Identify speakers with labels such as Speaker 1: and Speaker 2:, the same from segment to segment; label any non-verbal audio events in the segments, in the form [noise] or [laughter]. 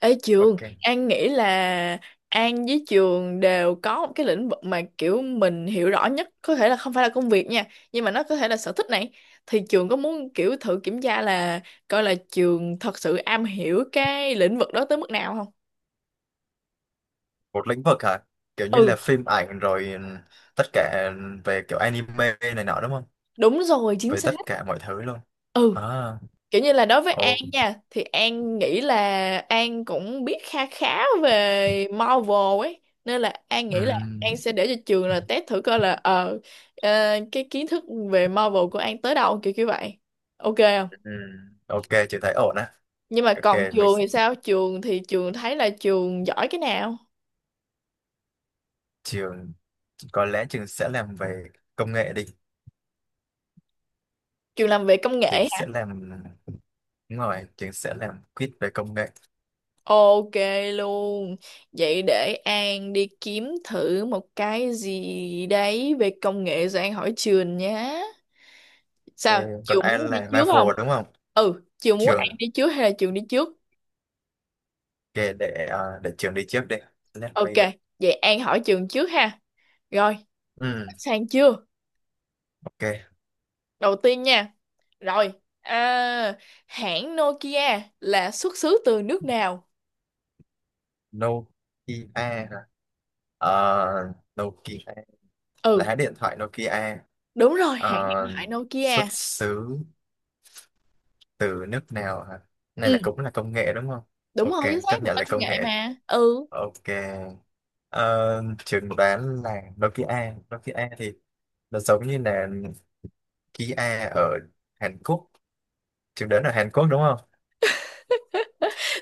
Speaker 1: Ê trường,
Speaker 2: Ok.
Speaker 1: An nghĩ là An với trường đều có một cái lĩnh vực mà kiểu mình hiểu rõ nhất, có thể là không phải là công việc nha, nhưng mà nó có thể là sở thích này. Thì trường có muốn kiểu thử kiểm tra là coi là trường thật sự am hiểu cái lĩnh vực đó tới mức nào không?
Speaker 2: Một lĩnh vực hả? Kiểu như
Speaker 1: Ừ,
Speaker 2: là phim ảnh rồi, ừ, tất cả về kiểu anime này nọ đúng không?
Speaker 1: đúng rồi, chính
Speaker 2: Về
Speaker 1: xác.
Speaker 2: tất cả mọi thứ luôn.
Speaker 1: Ừ.
Speaker 2: À,
Speaker 1: Kiểu như là đối với An
Speaker 2: ok.
Speaker 1: nha thì An nghĩ là An cũng biết kha khá về Marvel ấy, nên là An nghĩ là
Speaker 2: Ừm,
Speaker 1: An sẽ để cho trường là test thử coi là cái kiến thức về Marvel của An tới đâu, kiểu kiểu vậy, ok không?
Speaker 2: ừm. Ok, chị thấy ổn á.
Speaker 1: Nhưng mà
Speaker 2: Ok,
Speaker 1: còn trường thì sao? Trường thì trường thấy là trường giỏi cái nào?
Speaker 2: trường có lẽ trường sẽ làm về công nghệ đi.
Speaker 1: Trường làm về công
Speaker 2: Trường
Speaker 1: nghệ
Speaker 2: sẽ
Speaker 1: hả?
Speaker 2: làm Đúng rồi, trường sẽ làm quiz về công nghệ.
Speaker 1: Ok luôn. Vậy để An đi kiếm thử một cái gì đấy về công nghệ rồi An hỏi trường nhé.
Speaker 2: Ok,
Speaker 1: Sao
Speaker 2: còn
Speaker 1: Trường
Speaker 2: ai
Speaker 1: muốn đi
Speaker 2: là
Speaker 1: trước
Speaker 2: Marvel
Speaker 1: không?
Speaker 2: đúng không?
Speaker 1: Ừ, Trường muốn An
Speaker 2: Trường
Speaker 1: đi trước hay là Trường đi trước?
Speaker 2: ok, để trường đi trước đi. Let me.
Speaker 1: Ok, vậy An hỏi Trường trước ha. Rồi,
Speaker 2: Ừm,
Speaker 1: sang chưa?
Speaker 2: ok.
Speaker 1: Đầu tiên nha. Rồi, à, hãng Nokia là xuất xứ từ nước nào?
Speaker 2: Nokia hả? Ờ, Nokia
Speaker 1: Ừ.
Speaker 2: lá điện thoại Nokia,
Speaker 1: Đúng rồi, hãng
Speaker 2: ờ,
Speaker 1: điện thoại
Speaker 2: xuất
Speaker 1: Nokia.
Speaker 2: xứ từ nước nào hả? Này
Speaker 1: Ừ,
Speaker 2: là cũng là công nghệ đúng không?
Speaker 1: đúng
Speaker 2: Ok,
Speaker 1: rồi, chính
Speaker 2: chấp
Speaker 1: xác, một
Speaker 2: nhận là
Speaker 1: công
Speaker 2: công
Speaker 1: nghệ
Speaker 2: nghệ.
Speaker 1: mà. Ừ.
Speaker 2: Ok. Ờ, trường đoán là Nokia. Nokia thì nó giống như là Kia ở Hàn Quốc. Trường đoán ở Hàn Quốc đúng không?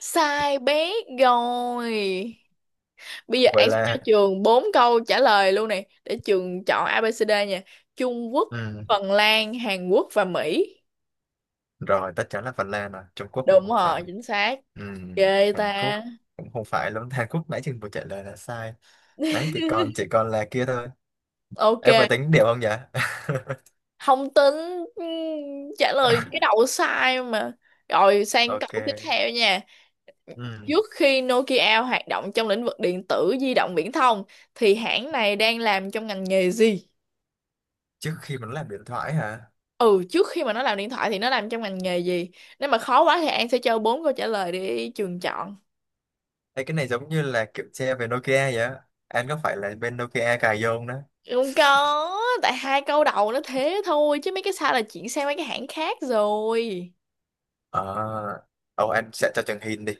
Speaker 1: Sai bé. Rồi, bây giờ
Speaker 2: Vậy
Speaker 1: An sẽ cho
Speaker 2: là
Speaker 1: Trường bốn câu trả lời luôn này để Trường chọn ABCD nha. Trung Quốc,
Speaker 2: ừ.
Speaker 1: Phần Lan, Hàn Quốc và Mỹ.
Speaker 2: Rồi, tất chắn là Phần Lan rồi. Trung Quốc là
Speaker 1: Đúng
Speaker 2: không
Speaker 1: rồi,
Speaker 2: phải.
Speaker 1: chính xác,
Speaker 2: Ừ.
Speaker 1: ghê
Speaker 2: Hàn
Speaker 1: ta.
Speaker 2: Quốc cũng không phải luôn. [laughs] Hàn Quốc nãy trường vừa trả lời là sai. Đấy thì còn là kia thôi.
Speaker 1: Ok,
Speaker 2: Em phải tính điểm không nhỉ?
Speaker 1: không tính. ừm, Trả lời cái
Speaker 2: [laughs]
Speaker 1: đầu sai mà. Rồi, sang câu
Speaker 2: Ok,
Speaker 1: tiếp theo nha.
Speaker 2: ừ.
Speaker 1: Trước khi Nokia hoạt động trong lĩnh vực điện tử di động viễn thông thì hãng này đang làm trong ngành nghề gì?
Speaker 2: Trước khi mà nó làm điện thoại hả?
Speaker 1: Ừ, trước khi mà nó làm điện thoại thì nó làm trong ngành nghề gì? Nếu mà khó quá thì An sẽ cho bốn câu trả lời để trường chọn.
Speaker 2: Ê, cái này giống như là kiểu xe về Nokia vậy á, anh có phải là bên Nokia cài vô không đó?
Speaker 1: Không có, tại hai câu đầu nó thế thôi, chứ mấy cái sau là chuyển sang mấy cái hãng khác rồi.
Speaker 2: Ờ, ồ, anh sẽ cho Trường Hin đi.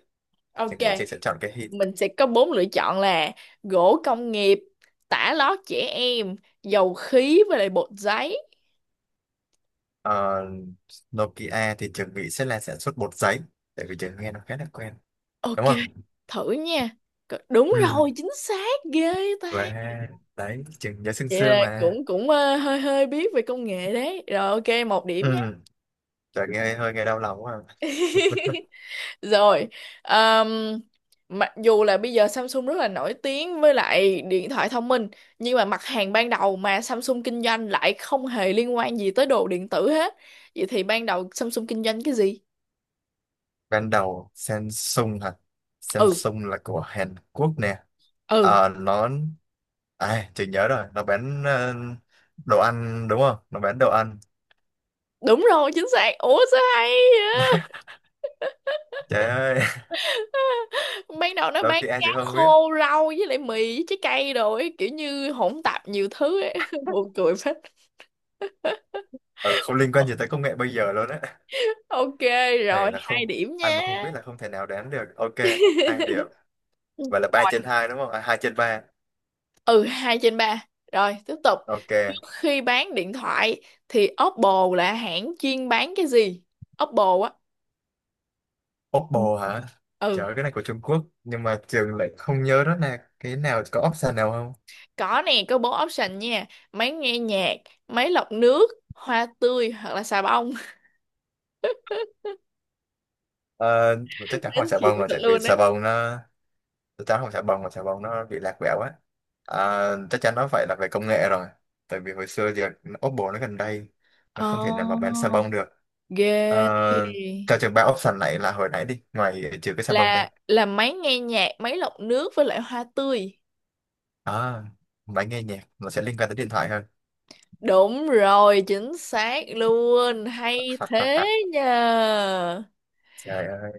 Speaker 1: Ok,
Speaker 2: Trường Nghị sẽ chọn cái Hin.
Speaker 1: mình sẽ có bốn lựa chọn là gỗ công nghiệp, tả lót trẻ em, dầu khí với lại bột giấy.
Speaker 2: Ờ, Nokia thì Trường Nghị sẽ là sản xuất bột giấy, tại vì Trường nghe nó khá là quen,
Speaker 1: Ok,
Speaker 2: đúng không?
Speaker 1: thử nha. Đúng
Speaker 2: Ừ,
Speaker 1: rồi, chính xác, ghê ta.
Speaker 2: và đấy, Trường nhớ sương
Speaker 1: Vậy
Speaker 2: sương
Speaker 1: là
Speaker 2: mà.
Speaker 1: cũng cũng hơi hơi biết về công nghệ đấy. Rồi ok, một điểm
Speaker 2: Ừ,
Speaker 1: nhé.
Speaker 2: trời nghe đau lòng quá à.
Speaker 1: [laughs] Rồi, ờm, mặc dù là bây giờ Samsung rất là nổi tiếng với lại điện thoại thông minh, nhưng mà mặt hàng ban đầu mà Samsung kinh doanh lại không hề liên quan gì tới đồ điện tử hết. Vậy thì ban đầu Samsung kinh doanh cái gì?
Speaker 2: Ban đầu Samsung hả?
Speaker 1: Ừ.
Speaker 2: Samsung là của Hàn Quốc nè.
Speaker 1: Ừ,
Speaker 2: Ờ, nó, à, chị nhớ rồi, nó bán, ờ, đồ ăn đúng không, nó bán đồ ăn.
Speaker 1: đúng rồi, chính xác. Ủa sao hay vậy?
Speaker 2: Trời ơi, [laughs]
Speaker 1: Ban đầu nó
Speaker 2: đôi
Speaker 1: bán
Speaker 2: khi ai
Speaker 1: cá
Speaker 2: chị không biết.
Speaker 1: khô, rau với lại mì với trái cây rồi ấy, kiểu như hỗn tạp nhiều thứ ấy. [laughs] Buồn cười phết.
Speaker 2: Ừ, không liên quan gì tới công nghệ bây giờ luôn á.
Speaker 1: Ok,
Speaker 2: Thầy
Speaker 1: rồi
Speaker 2: là
Speaker 1: hai
Speaker 2: không,
Speaker 1: điểm
Speaker 2: ai mà không
Speaker 1: nha.
Speaker 2: biết là không thể nào đoán được. Ok, hai điểm. Vậy là ba trên
Speaker 1: Rồi.
Speaker 2: hai đúng không, à, hai trên ba.
Speaker 1: Ừ, hai trên ba. Rồi, tiếp tục.
Speaker 2: Ok.
Speaker 1: Trước khi bán điện thoại thì Oppo là hãng chuyên bán cái gì? Oppo á.
Speaker 2: Oppo hả?
Speaker 1: Ừ.
Speaker 2: Trời ơi, cái này của Trung Quốc nhưng mà trường lại không nhớ đó là cái nào, có option nào không?
Speaker 1: Có nè, có bốn option nha. Máy nghe nhạc, máy lọc nước, hoa tươi hoặc là xà bông.
Speaker 2: Ờ, chắc
Speaker 1: [laughs]
Speaker 2: chắn
Speaker 1: Đến
Speaker 2: hỏi xà
Speaker 1: chịu
Speaker 2: bông rồi
Speaker 1: thật
Speaker 2: tại vì
Speaker 1: luôn
Speaker 2: xà
Speaker 1: đấy.
Speaker 2: bông nó, tao không xà bông mà xà bông nó bị lạc quẹo á. À, chắc chắn nó phải là về công nghệ rồi, tại vì hồi xưa thì Oppo nó gần đây nó không thể nào mà bán xà
Speaker 1: Oh,
Speaker 2: bông được. À,
Speaker 1: ghê.
Speaker 2: cho trường ba option này là hồi nãy đi ngoài trừ cái xà bông đây.
Speaker 1: Là máy nghe nhạc, máy lọc nước với lại hoa tươi.
Speaker 2: À, máy nghe nhạc nó sẽ liên quan tới điện thoại hơn.
Speaker 1: Đúng rồi, chính xác luôn. Hay thế
Speaker 2: [laughs]
Speaker 1: nhờ.
Speaker 2: Trời ơi,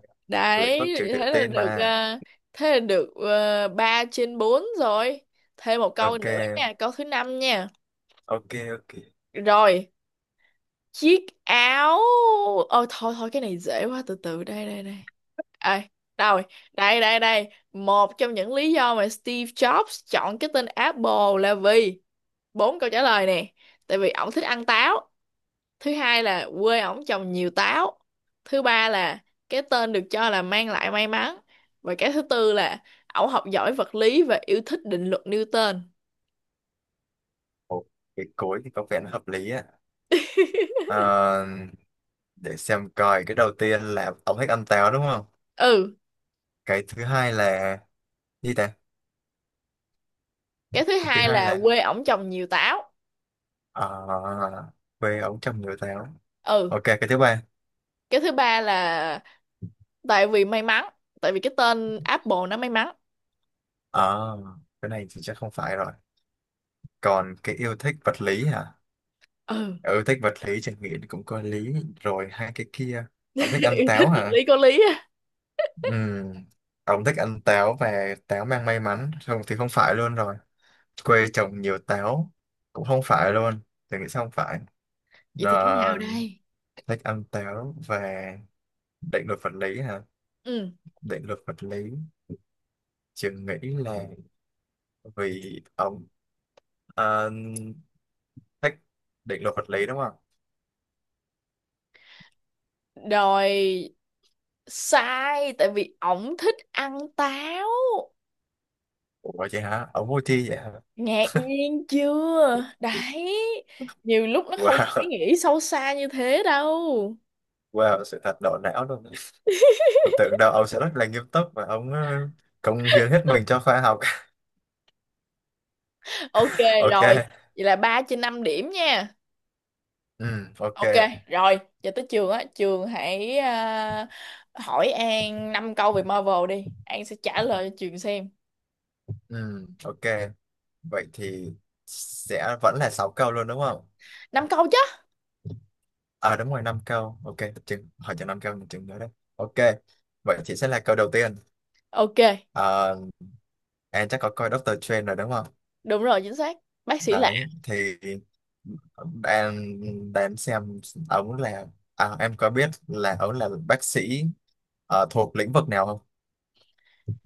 Speaker 2: lĩnh vực
Speaker 1: Đấy,
Speaker 2: trường tự
Speaker 1: thế là
Speaker 2: tin
Speaker 1: được
Speaker 2: mà.
Speaker 1: ờ, thế là được, 3 trên 4 rồi. Thêm một câu
Speaker 2: Ok
Speaker 1: nữa nha, câu thứ năm nha.
Speaker 2: ok Ok.
Speaker 1: Rồi, chiếc áo ờ thôi thôi, cái này dễ quá. Từ từ, đây đây đây. Ê, đâu rồi? Đây đây đây, một trong những lý do mà Steve Jobs chọn cái tên Apple là vì, bốn câu trả lời nè: tại vì ổng thích ăn táo; thứ hai là quê ổng trồng nhiều táo; thứ ba là cái tên được cho là mang lại may mắn; và cái thứ tư là ổng học giỏi vật lý và yêu thích định luật Newton.
Speaker 2: Ồ, cái cối thì có vẻ nó hợp lý á.
Speaker 1: [laughs]
Speaker 2: À, để xem coi, cái đầu tiên là tổng hết âm táo đúng không?
Speaker 1: Ừ,
Speaker 2: Cái thứ hai là gì ta?
Speaker 1: cái thứ
Speaker 2: Thứ
Speaker 1: hai
Speaker 2: hai
Speaker 1: là
Speaker 2: là,
Speaker 1: quê ổng trồng nhiều táo.
Speaker 2: ờ, quê ông chồng người táo.
Speaker 1: Ừ,
Speaker 2: Ok, cái thứ ba.
Speaker 1: cái thứ ba là tại vì may mắn, tại vì cái tên Apple nó may mắn.
Speaker 2: Ờ, cái này thì chắc không phải rồi. Còn cái yêu thích vật lý hả?
Speaker 1: Ừ.
Speaker 2: Ừ, thích vật lý chẳng nghĩ cũng có lý. Rồi hai cái kia, ông thích
Speaker 1: [laughs]
Speaker 2: ăn
Speaker 1: Yêu thích
Speaker 2: táo
Speaker 1: vật
Speaker 2: hả?
Speaker 1: lý có lý á.
Speaker 2: Ừ. Ông thích ăn táo và táo mang may mắn không thì không phải luôn rồi. Quê trồng nhiều táo cũng không phải luôn. Tôi nghĩ sao không phải.
Speaker 1: Vậy
Speaker 2: Ờ,
Speaker 1: thì cái nào đây?
Speaker 2: thích ăn táo và định luật vật lý hả?
Speaker 1: Ừ,
Speaker 2: Định luật vật lý, trường nghĩ là vì ông, à, thích định luật vật lý đúng không?
Speaker 1: rồi, sai, tại vì ổng thích ăn táo.
Speaker 2: Ủa vậy hả? Ông vui thi vậy hả?
Speaker 1: Ngạc nhiên chưa đấy, nhiều lúc nó không có ý
Speaker 2: Wow, [laughs]
Speaker 1: nghĩa sâu xa như thế đâu.
Speaker 2: wow, sự thật đổ não luôn. Tôi tưởng đâu ông sẽ rất là nghiêm túc và ông, ờ, cống hiến hết mình cho khoa học.
Speaker 1: Ok,
Speaker 2: [laughs]
Speaker 1: rồi,
Speaker 2: Ok,
Speaker 1: vậy là 3 trên 5 điểm nha.
Speaker 2: ừ, ok,
Speaker 1: Ok, rồi, giờ tới trường á, trường hãy hỏi An 5 câu về Marvel đi. An sẽ trả lời cho trường xem.
Speaker 2: ừ, ok. Vậy thì sẽ vẫn là 6 câu luôn đúng không?
Speaker 1: Năm câu chứ?
Speaker 2: À đúng rồi, 5 câu. Ok, chừng, hỏi cho 5 câu, mình chừng nữa đấy. Ok, vậy thì sẽ là câu đầu tiên.
Speaker 1: Ok,
Speaker 2: À, em chắc có coi Doctor Strange rồi đúng không?
Speaker 1: đúng rồi, chính xác. Bác sĩ lạ.
Speaker 2: Đấy thì em, để em xem ống là, à, em có biết là ống là bác sĩ, ờ, thuộc lĩnh vực nào không?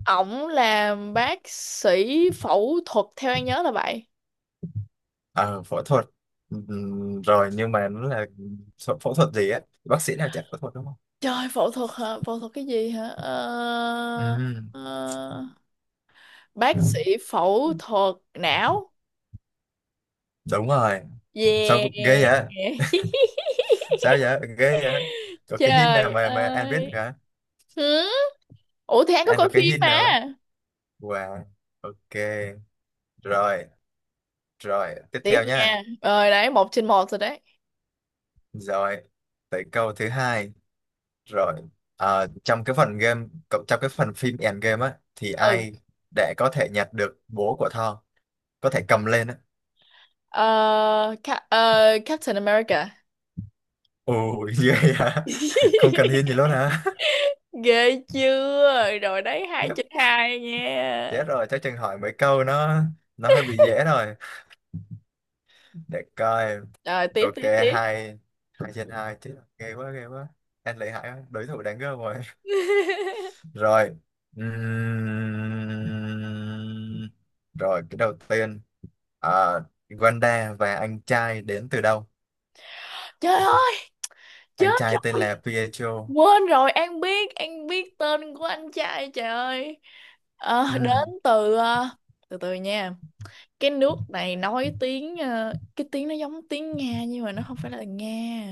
Speaker 1: Ổng làm bác sĩ phẫu thuật, theo An nhớ là vậy.
Speaker 2: Ờ, phẫu thuật. Rồi nhưng mà nó là phẫu phẫu thuật gì á, bác sĩ nào chả phẫu thuật đúng không?
Speaker 1: Trời, phẫu thuật hả? Phẫu thuật cái gì hả? Ờ,
Speaker 2: Ừm,
Speaker 1: ờ, bác sĩ phẫu thuật não.
Speaker 2: đúng rồi, sao ghê
Speaker 1: Yeah.
Speaker 2: vậy,
Speaker 1: [laughs]
Speaker 2: sao vậy ghê vậy, có cái hint nào
Speaker 1: Trời
Speaker 2: mà mà anh biết được
Speaker 1: ơi.
Speaker 2: hả?
Speaker 1: Hử? Ủa thì An có
Speaker 2: Anh
Speaker 1: coi
Speaker 2: có cái
Speaker 1: phim
Speaker 2: hint
Speaker 1: mà.
Speaker 2: nào không? Wow, ok. rồi rồi tiếp
Speaker 1: Tiếp
Speaker 2: theo nha.
Speaker 1: nha, rồi đấy, một trên một rồi đấy.
Speaker 2: Rồi tới câu thứ hai. Rồi, à, trong cái phần game, trong cái phần phim end game á, thì
Speaker 1: Ừ.
Speaker 2: ai để có thể nhặt được bố của Thor, có thể cầm lên á.
Speaker 1: Ờ, Captain America.
Speaker 2: Ôi, [laughs] ghê hả? Không cần hiên gì
Speaker 1: [laughs]
Speaker 2: luôn hả? [laughs]
Speaker 1: Ghê chưa, rồi đấy, hai
Speaker 2: Tiếp,
Speaker 1: trên hai
Speaker 2: thế
Speaker 1: nha.
Speaker 2: rồi, chắc chừng hỏi mấy câu nó hơi bị dễ rồi. Để coi,
Speaker 1: Rồi, tiếp
Speaker 2: rồi
Speaker 1: tiếp
Speaker 2: kê
Speaker 1: tiếp.
Speaker 2: hai, hai trên hai, chứ ghê quá, ghê quá. Em lợi hại quá, đối thủ đáng gớm rồi. [laughs]
Speaker 1: [laughs]
Speaker 2: Rồi, ừm, rồi cái đầu tiên, à, Wanda và anh trai đến từ đâu?
Speaker 1: Trời ơi,
Speaker 2: Anh
Speaker 1: chết
Speaker 2: trai tên là
Speaker 1: rồi,
Speaker 2: Pietro.
Speaker 1: quên rồi, An biết tên của anh trai, trời ơi. Ờ,
Speaker 2: ừ,
Speaker 1: từ từ nha. Cái nước này cái tiếng nó giống tiếng Nga nhưng mà nó không phải là Nga.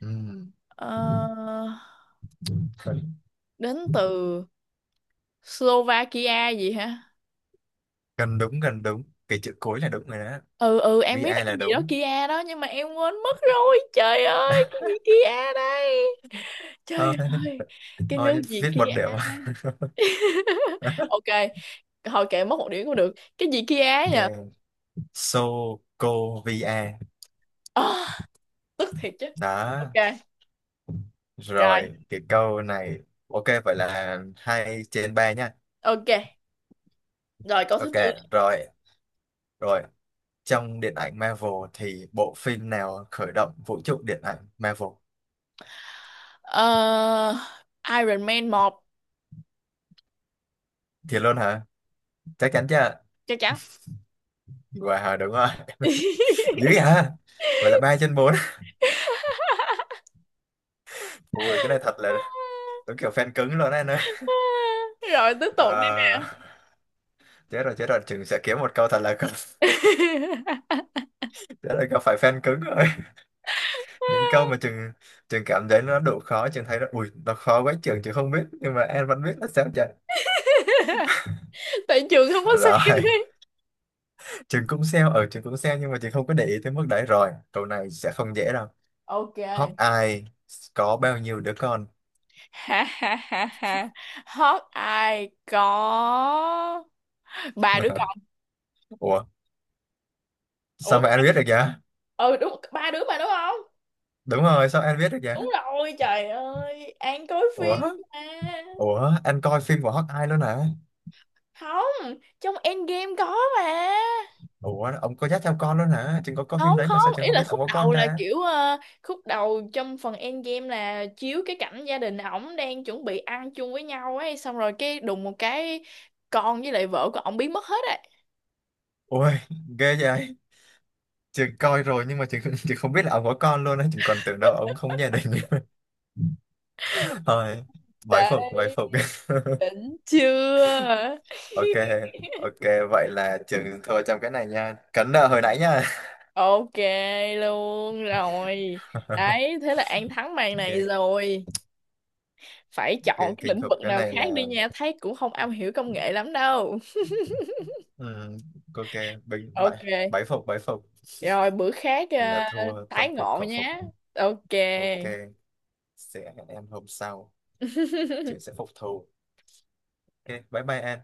Speaker 2: ừ.
Speaker 1: Ờ,
Speaker 2: Gần,
Speaker 1: đến từ Slovakia gì hả?
Speaker 2: gần đúng, gần đúng, cái chữ cuối là đúng rồi đó.
Speaker 1: Ừ ừ, em
Speaker 2: VI
Speaker 1: biết là cái
Speaker 2: là
Speaker 1: gì đó
Speaker 2: đúng.
Speaker 1: Kia đó, nhưng mà em quên mất rồi. Trời ơi, cái gì Kia đây?
Speaker 2: Ờ,
Speaker 1: Trời ơi, cái
Speaker 2: thôi
Speaker 1: nước gì
Speaker 2: viết
Speaker 1: Kia
Speaker 2: một điểm.
Speaker 1: đây? [laughs] Ok, thôi kệ, mất một điểm cũng được. Cái gì Kia
Speaker 2: Ok,
Speaker 1: nhỉ?
Speaker 2: Sokovia
Speaker 1: Ờ, tức thiệt chứ.
Speaker 2: đó.
Speaker 1: Ok, rồi.
Speaker 2: Rồi cái câu này, ok, vậy là hai trên ba nha.
Speaker 1: Ok. Rồi câu thứ
Speaker 2: Ok,
Speaker 1: tư.
Speaker 2: rồi. Rồi, trong điện ảnh Marvel thì bộ phim nào khởi động vũ trụ điện ảnh Marvel
Speaker 1: Ờ, Iron Man một.
Speaker 2: thì luôn hả? Chắc chắn chưa?
Speaker 1: Chắc chắn.
Speaker 2: Wow, đúng rồi. [laughs] Dữ vậy
Speaker 1: [laughs]
Speaker 2: hả? Vậy là ba trên bốn. [laughs] Ui cái này thật là đúng kiểu fan cứng luôn đấy nơi.
Speaker 1: Rồi tiếp tục đi nè.
Speaker 2: Chết rồi, Trường sẽ kiếm một câu thật là không, [laughs] chết rồi gặp phải fan cứng rồi. Những câu mà
Speaker 1: [laughs]
Speaker 2: Trường Trường cảm thấy nó đủ khó, Trường thấy nó ui nó khó quá, Trường Trường không biết nhưng mà em vẫn biết là sao trời.
Speaker 1: [laughs] Tại trường không có xem
Speaker 2: Rồi.
Speaker 1: ấy.
Speaker 2: [laughs] Trường cũng sell ở, Trường cũng sell nhưng mà Trường không có để ý tới mức đấy. Rồi câu này sẽ không dễ đâu.
Speaker 1: Ok.
Speaker 2: Hawkeye có bao nhiêu đứa con?
Speaker 1: Ha ha ha ha, hot ai có ba đứa con.
Speaker 2: Ủa,
Speaker 1: Ủa.
Speaker 2: sao mà anh biết được vậy?
Speaker 1: Ừ, đúng ba đứa mà, đúng không?
Speaker 2: Đúng rồi, sao anh biết được vậy?
Speaker 1: Đúng rồi, trời ơi, An coi
Speaker 2: Ủa,
Speaker 1: phim mà.
Speaker 2: ủa, anh coi phim của Hawkeye luôn hả?
Speaker 1: Không, trong Endgame có mà.
Speaker 2: Ủa, ông có dắt theo con luôn hả? Trường có coi phim
Speaker 1: Không
Speaker 2: đấy mà sao
Speaker 1: không,
Speaker 2: Trường
Speaker 1: ý
Speaker 2: không
Speaker 1: là
Speaker 2: biết ông
Speaker 1: khúc
Speaker 2: có con
Speaker 1: đầu là
Speaker 2: ta.
Speaker 1: kiểu khúc đầu trong phần Endgame là chiếu cái cảnh gia đình ổng đang chuẩn bị ăn chung với nhau ấy, xong rồi cái đùng một cái, con với lại vợ của ổng biến mất hết.
Speaker 2: Ôi, ghê vậy. Trường coi rồi nhưng mà trường, trường không biết là ông có con luôn á. Trường còn tưởng đâu ông không có gia đình. [laughs] Thôi, bái phục, bái
Speaker 1: Đấy,
Speaker 2: phục. [laughs]
Speaker 1: đỉnh chưa?
Speaker 2: Ok,
Speaker 1: [laughs]
Speaker 2: ok. Vậy là trường thua trong cái này nha. Cấn nợ hồi nãy nha.
Speaker 1: Ok luôn rồi.
Speaker 2: [laughs]
Speaker 1: Đấy, thế là An thắng màn
Speaker 2: Ok,
Speaker 1: này rồi. Phải
Speaker 2: ok.
Speaker 1: chọn cái
Speaker 2: Kinh
Speaker 1: lĩnh
Speaker 2: khủng.
Speaker 1: vực
Speaker 2: Cái
Speaker 1: nào
Speaker 2: này
Speaker 1: khác đi
Speaker 2: là...
Speaker 1: nha, thấy cũng không am hiểu công nghệ lắm đâu.
Speaker 2: ừm, ok, bình, bái,
Speaker 1: Ok,
Speaker 2: bái phục, bái phục.
Speaker 1: rồi bữa khác
Speaker 2: Là thua
Speaker 1: tái
Speaker 2: tâm phục
Speaker 1: ngộ
Speaker 2: khẩu phục.
Speaker 1: nhé. Ok.
Speaker 2: Ok, sẽ hẹn em hôm sau.
Speaker 1: [laughs]
Speaker 2: Trường sẽ phục thù. Ok, bye bye em.